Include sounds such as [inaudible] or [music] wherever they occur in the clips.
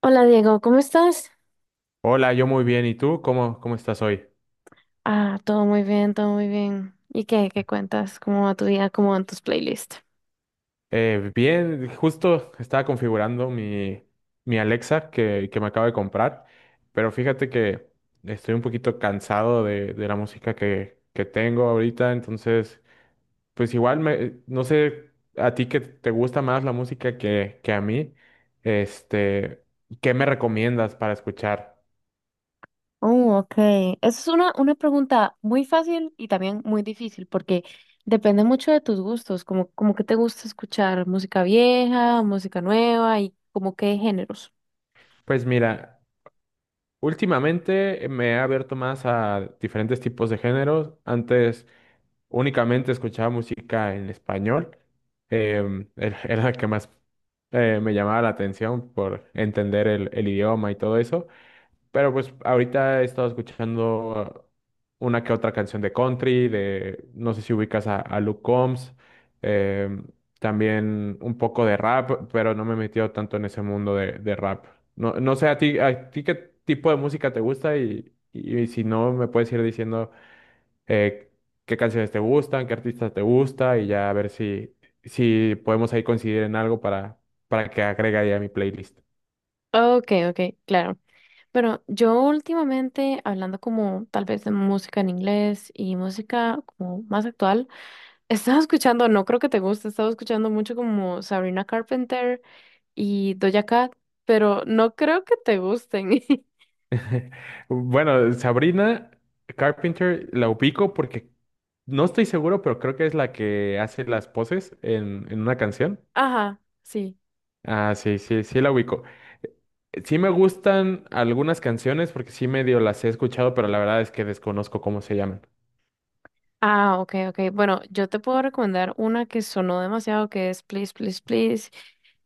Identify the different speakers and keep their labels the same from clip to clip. Speaker 1: Hola Diego, ¿cómo estás?
Speaker 2: Hola, yo muy bien. ¿Y tú? ¿Cómo estás hoy?
Speaker 1: Ah, todo muy bien, todo muy bien. ¿Y qué? ¿Qué cuentas? ¿Cómo va tu día? ¿Cómo van tus playlists?
Speaker 2: Bien, justo estaba configurando mi Alexa que me acabo de comprar, pero fíjate que estoy un poquito cansado de la música que tengo ahorita, entonces, pues igual me, no sé, a ti que te gusta más la música que a mí, este, ¿qué me recomiendas para escuchar?
Speaker 1: Oh, ok. Esa es una pregunta muy fácil y también muy difícil porque depende mucho de tus gustos, como, como que te gusta escuchar música vieja, música nueva y como qué géneros.
Speaker 2: Pues mira, últimamente me he abierto más a diferentes tipos de géneros. Antes únicamente escuchaba música en español. [laughs] Era la que más me llamaba la atención por entender el idioma y todo eso. Pero pues ahorita he estado escuchando una que otra canción de country, de, no sé si ubicas a Luke Combs. em, También un poco de rap, pero no me he metido tanto en ese mundo de rap. No sé a ti qué tipo de música te gusta y, si no, me puedes ir diciendo eh, qué canciones te gustan, qué artistas te gusta y ya a ver si, si podemos ahí coincidir en algo para que agregue ahí a mi playlist.
Speaker 1: Ok, ok, claro. Bueno, yo últimamente, hablando como tal vez de música en inglés y música como más actual, estaba escuchando, no creo que te guste, estaba escuchando mucho como Sabrina Carpenter y Doja Cat, pero no creo que te gusten.
Speaker 2: Bueno, Sabrina Carpenter la ubico porque no estoy seguro, pero creo que es la que hace las poses en una canción.
Speaker 1: [laughs] Ajá, sí.
Speaker 2: Ah, sí, sí, sí la ubico. Sí, me gustan algunas canciones porque sí, medio las he escuchado, pero la verdad es que desconozco cómo se llaman.
Speaker 1: Ah, ok, ok. Bueno, yo te puedo recomendar una que sonó demasiado, que es Please, Please, Please.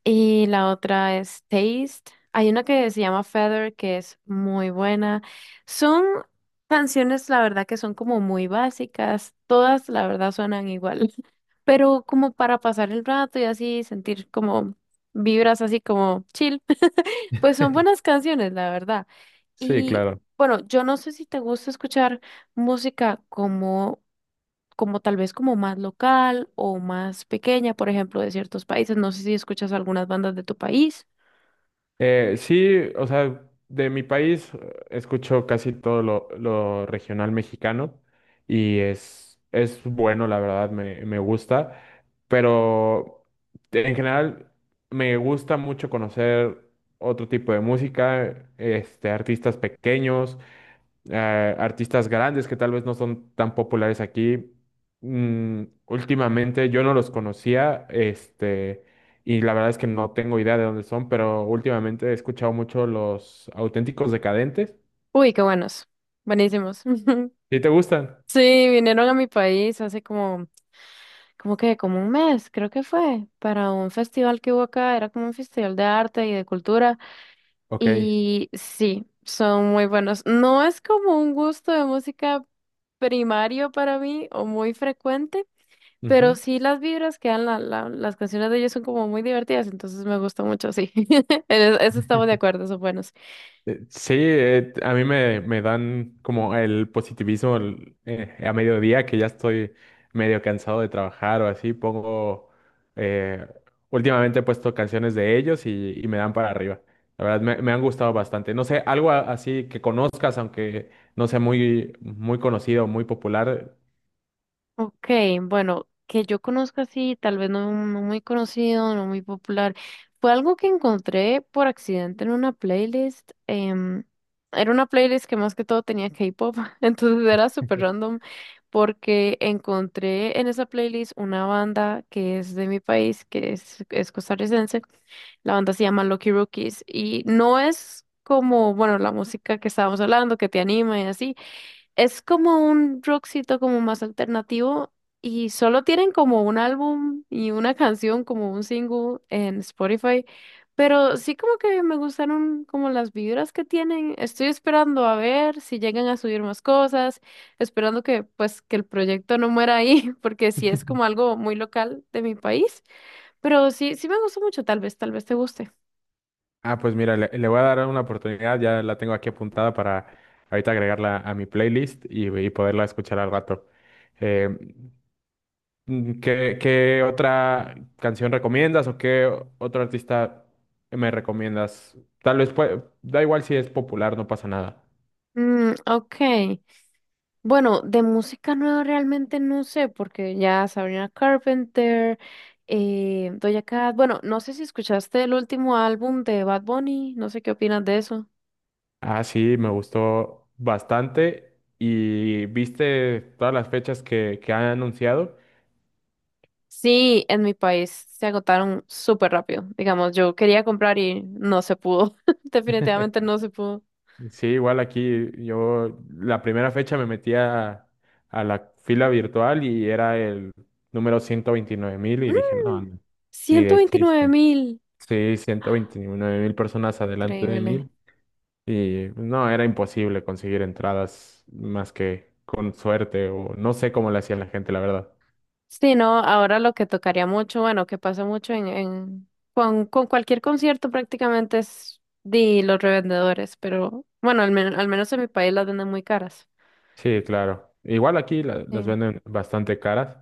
Speaker 1: Y la otra es Taste. Hay una que se llama Feather, que es muy buena. Son canciones, la verdad, que son como muy básicas. Todas, la verdad, suenan igual, pero como para pasar el rato y así sentir como vibras así como chill, [laughs] pues son buenas canciones, la verdad.
Speaker 2: Sí,
Speaker 1: Y
Speaker 2: claro.
Speaker 1: bueno, yo no sé si te gusta escuchar música como, como tal vez como más local o más pequeña, por ejemplo, de ciertos países. No sé si escuchas algunas bandas de tu país.
Speaker 2: Sí, o sea, de mi país, escucho casi todo lo regional mexicano y es bueno, la verdad, me gusta, pero en general me gusta mucho conocer otro tipo de música, artistas pequeños, artistas grandes que tal vez no son tan populares aquí. Mm, últimamente yo no los conocía, y la verdad es que no tengo idea de dónde son, pero últimamente he escuchado mucho los Auténticos Decadentes.
Speaker 1: Uy, qué buenos, buenísimos. [laughs]
Speaker 2: ¿Sí te gustan?
Speaker 1: Sí, vinieron a mi país hace como, como que, como un mes, creo que fue, para un festival que hubo acá, era como un festival de arte y de cultura.
Speaker 2: Ok.
Speaker 1: Y sí, son muy buenos. No es como un gusto de música primario para mí o muy frecuente, pero
Speaker 2: Ujú.
Speaker 1: sí las vibras que dan las canciones de ellos son como muy divertidas, entonces me gusta mucho, sí. [laughs] Eso estamos de
Speaker 2: [laughs]
Speaker 1: acuerdo, son buenos.
Speaker 2: Sí, a mí me, me dan como el positivismo a mediodía, que ya estoy medio cansado de trabajar o así, pongo, eh, últimamente he puesto canciones de ellos y me dan para arriba. La verdad, me han gustado bastante. No sé, algo así que conozcas, aunque no sea muy, muy conocido, muy popular.
Speaker 1: Ok, bueno, que yo conozca así, tal vez no, no muy conocido, no muy popular. Fue algo que encontré por accidente en una playlist. Era una playlist que más que todo tenía K-pop, [laughs] entonces era súper random porque encontré en esa playlist una banda que es de mi país, es costarricense. La banda se llama Lucky Rookies y no es como, bueno, la música que estábamos hablando, que te anima y así. Es como un rockcito como más alternativo y solo tienen como un álbum y una canción como un single en Spotify, pero sí como que me gustaron como las vibras que tienen. Estoy esperando a ver si llegan a subir más cosas, esperando que pues que el proyecto no muera ahí, [laughs] porque sí es como
Speaker 2: [laughs]
Speaker 1: algo muy local de mi país, pero sí me gustó mucho, tal vez te guste.
Speaker 2: Ah, pues mira, le voy a dar una oportunidad, ya la tengo aquí apuntada para ahorita agregarla a mi playlist y poderla escuchar al rato. Eh, ¿Qué, qué otra canción recomiendas o qué otro artista me recomiendas? Tal vez da igual si es popular, no pasa nada.
Speaker 1: Mm, ok. Bueno, de música nueva realmente no sé, porque ya Sabrina Carpenter, Doja Cat, bueno, no sé si escuchaste el último álbum de Bad Bunny, no sé qué opinas de eso.
Speaker 2: Ah, sí, me gustó bastante. ¿Y viste todas las fechas que han anunciado?
Speaker 1: Sí, en mi país se agotaron súper rápido, digamos, yo quería comprar y no se pudo, [laughs]
Speaker 2: [laughs]
Speaker 1: definitivamente no se pudo.
Speaker 2: Sí, igual aquí yo la primera fecha me metí a la fila virtual y era el número 129.000 y
Speaker 1: Mm,
Speaker 2: dije, no, no, ni
Speaker 1: ciento
Speaker 2: de
Speaker 1: veintinueve
Speaker 2: chiste.
Speaker 1: mil,
Speaker 2: Sí, 129.000 personas adelante de
Speaker 1: increíble.
Speaker 2: mí. Y no, era imposible conseguir entradas más que con suerte o no sé cómo le hacían la gente, la verdad.
Speaker 1: Sí, no, ahora lo que tocaría mucho, bueno, que pasa mucho con cualquier concierto prácticamente es de los revendedores, pero bueno, al menos en mi país las venden muy caras.
Speaker 2: Sí, claro. Igual aquí las
Speaker 1: Sí.
Speaker 2: venden bastante caras,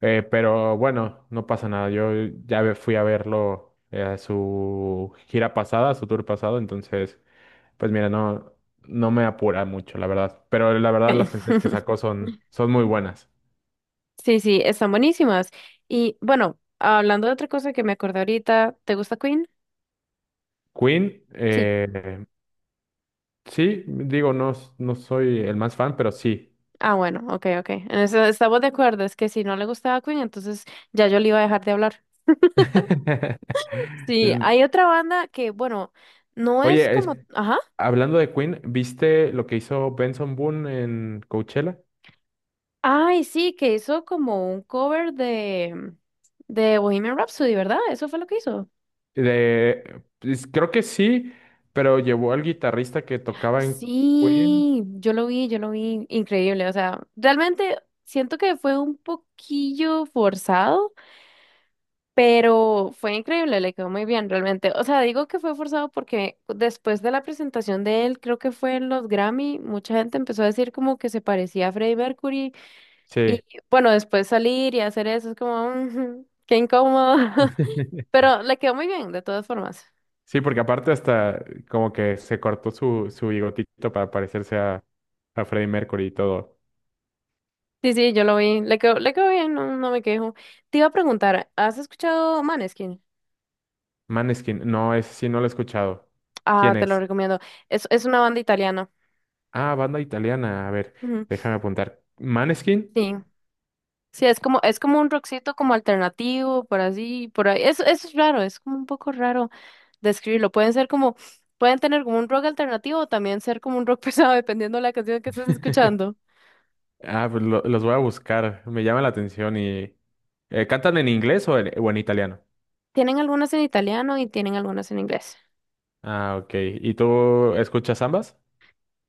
Speaker 2: pero bueno, no pasa nada. Yo fui a verlo, a su gira pasada, a su tour pasado, entonces, pues mira, no, no me apura mucho, la verdad. Pero la verdad las canciones que
Speaker 1: Ok.
Speaker 2: sacó
Speaker 1: [laughs]
Speaker 2: son, son muy buenas.
Speaker 1: Sí, sí, están buenísimas. Y bueno, hablando de otra cosa que me acordé ahorita, ¿te gusta Queen?
Speaker 2: Queen,
Speaker 1: Sí.
Speaker 2: sí, digo, no, no soy el más fan, pero sí.
Speaker 1: Ah, bueno, ok, ok. En eso estamos de acuerdo, es que si no le gustaba Queen, entonces ya yo le iba a dejar de hablar.
Speaker 2: [laughs]
Speaker 1: Sí,
Speaker 2: Eh,
Speaker 1: hay otra banda que, bueno, no es
Speaker 2: Oye,
Speaker 1: como, ajá.
Speaker 2: hablando de Queen, ¿viste lo que hizo Benson Boone en Coachella?
Speaker 1: Ay, sí, que hizo como un cover de Bohemian Rhapsody, ¿verdad? Eso fue lo que hizo.
Speaker 2: De, pues, creo que sí, pero llevó al guitarrista que tocaba en Queen.
Speaker 1: Sí, yo lo vi, increíble. O sea, realmente siento que fue un poquillo forzado, pero fue increíble, le quedó muy bien, realmente. O sea, digo que fue forzado porque después de la presentación de él, creo que fue en los Grammy, mucha gente empezó a decir como que se parecía a Freddie Mercury
Speaker 2: Sí.
Speaker 1: y bueno, después salir y hacer eso es como, "Mm, qué incómodo."
Speaker 2: [laughs]
Speaker 1: Pero le quedó muy bien, de todas formas.
Speaker 2: Sí, porque aparte hasta como que se cortó su, su bigotito para parecerse a Freddie Mercury y todo.
Speaker 1: Sí, sí, yo lo vi. Le quedó bien, no, no me quejo. Te iba a preguntar, ¿has escuchado Maneskin?
Speaker 2: Maneskin, no, ese sí no lo he escuchado.
Speaker 1: Ah,
Speaker 2: ¿Quién
Speaker 1: te lo
Speaker 2: es?
Speaker 1: recomiendo. Es una banda italiana.
Speaker 2: Ah, banda italiana. A ver,
Speaker 1: Ujú,
Speaker 2: déjame apuntar. ¿Maneskin?
Speaker 1: sí. Sí, es como un rockcito como alternativo, por así, por ahí. Es raro, es como un poco raro describirlo. Pueden ser como, pueden tener como un rock alternativo o también ser como un rock [laughs] pesado, dependiendo de la canción que estés
Speaker 2: [laughs]
Speaker 1: escuchando.
Speaker 2: Ah, pues los voy a buscar. Me llama la atención y ¿cantan en inglés o en italiano?
Speaker 1: Tienen algunas en italiano y tienen algunas en inglés.
Speaker 2: Ah, ok. ¿Y tú escuchas ambas?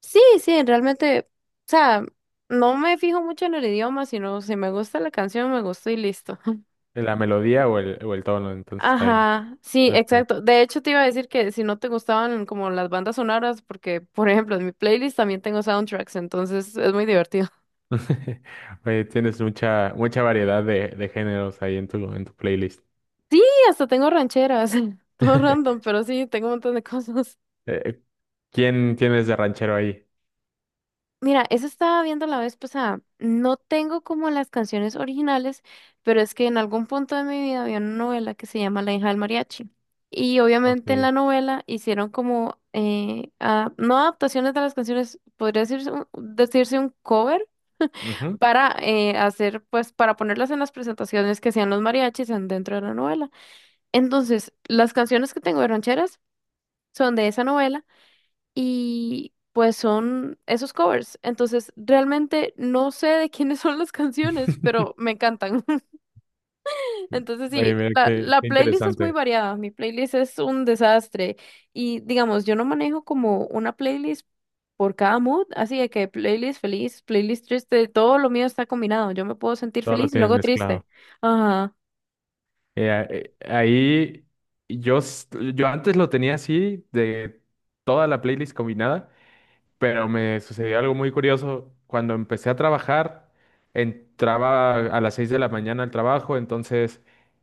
Speaker 1: Sí, sí, realmente, o sea, no me fijo mucho en el idioma, sino si me gusta la canción, me gustó y listo. [laughs]
Speaker 2: ¿La melodía o el tono? Entonces está bien.
Speaker 1: Ajá, sí,
Speaker 2: Ok.
Speaker 1: exacto. De hecho, te iba a decir que si no te gustaban como las bandas sonoras, porque, por ejemplo, en mi playlist también tengo soundtracks, entonces es muy divertido. [laughs]
Speaker 2: [laughs] Oye, tienes mucha, mucha variedad de géneros ahí en tu playlist.
Speaker 1: Sí, hasta tengo rancheras, [laughs] todo
Speaker 2: [laughs]
Speaker 1: random, pero sí, tengo un montón de [laughs] cosas.
Speaker 2: Eh, ¿Quién tienes de ranchero ahí?
Speaker 1: Mira, eso estaba viendo la vez pasada. No tengo como las canciones originales, pero es que en algún punto de mi vida había una novela que se llama La hija del mariachi. Y obviamente en
Speaker 2: Ok.
Speaker 1: la novela hicieron como, no adaptaciones de las canciones, podría decirse un cover
Speaker 2: Ujú.
Speaker 1: para hacer, pues, para ponerlas en las presentaciones que hacían los mariachis dentro de la novela. Entonces, las canciones que tengo de rancheras son de esa novela y pues son esos covers. Entonces, realmente no sé de quiénes [laughs] son las canciones, pero
Speaker 2: [laughs]
Speaker 1: me encantan. [laughs] Entonces, sí,
Speaker 2: Oye, mira,
Speaker 1: la,
Speaker 2: qué,
Speaker 1: la
Speaker 2: qué
Speaker 1: playlist es muy
Speaker 2: interesante.
Speaker 1: variada. Mi playlist es un desastre. Y digamos, yo no manejo como una playlist por cada mood, así de que playlist feliz, playlist triste, todo lo mío está combinado. Yo me puedo sentir
Speaker 2: Todo lo
Speaker 1: feliz y
Speaker 2: tienes
Speaker 1: luego triste.
Speaker 2: mezclado.
Speaker 1: Ajá.
Speaker 2: Ahí yo, s- yo antes lo tenía así, de toda la playlist combinada, pero me sucedió algo muy curioso. Cuando empecé a trabajar, entraba a las 6 de la mañana al trabajo, entonces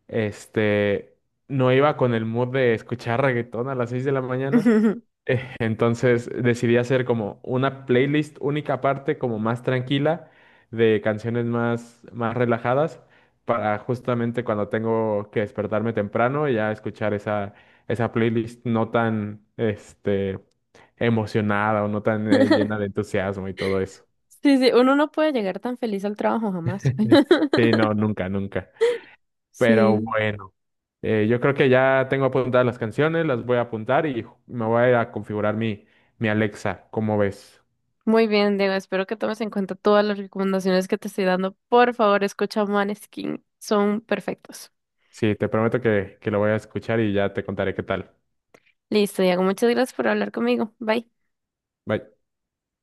Speaker 2: este, no iba con el mood de escuchar reggaetón a las 6 de la mañana.
Speaker 1: [laughs]
Speaker 2: [laughs] Entonces decidí hacer como una playlist única parte, como más tranquila, de canciones más, más relajadas, para justamente cuando tengo que despertarme temprano y ya escuchar esa, esa playlist no tan emocionada o no tan llena de entusiasmo y todo eso.
Speaker 1: Sí, sí, uno no puede llegar tan feliz al trabajo jamás.
Speaker 2: [laughs] Sí,
Speaker 1: [laughs]
Speaker 2: no, nunca, nunca. Pero
Speaker 1: Sí.
Speaker 2: bueno, yo creo que ya tengo apuntadas las canciones, las voy a apuntar y me voy a ir a configurar mi, mi Alexa. ¿Cómo ves?
Speaker 1: Muy bien, Diego. Espero que tomes en cuenta todas las recomendaciones que te estoy dando. Por favor, escucha Maneskin. Son perfectos.
Speaker 2: Sí, te prometo que lo voy a escuchar y ya te contaré qué tal.
Speaker 1: Listo, Diego. Muchas gracias por hablar conmigo. Bye.
Speaker 2: Bye.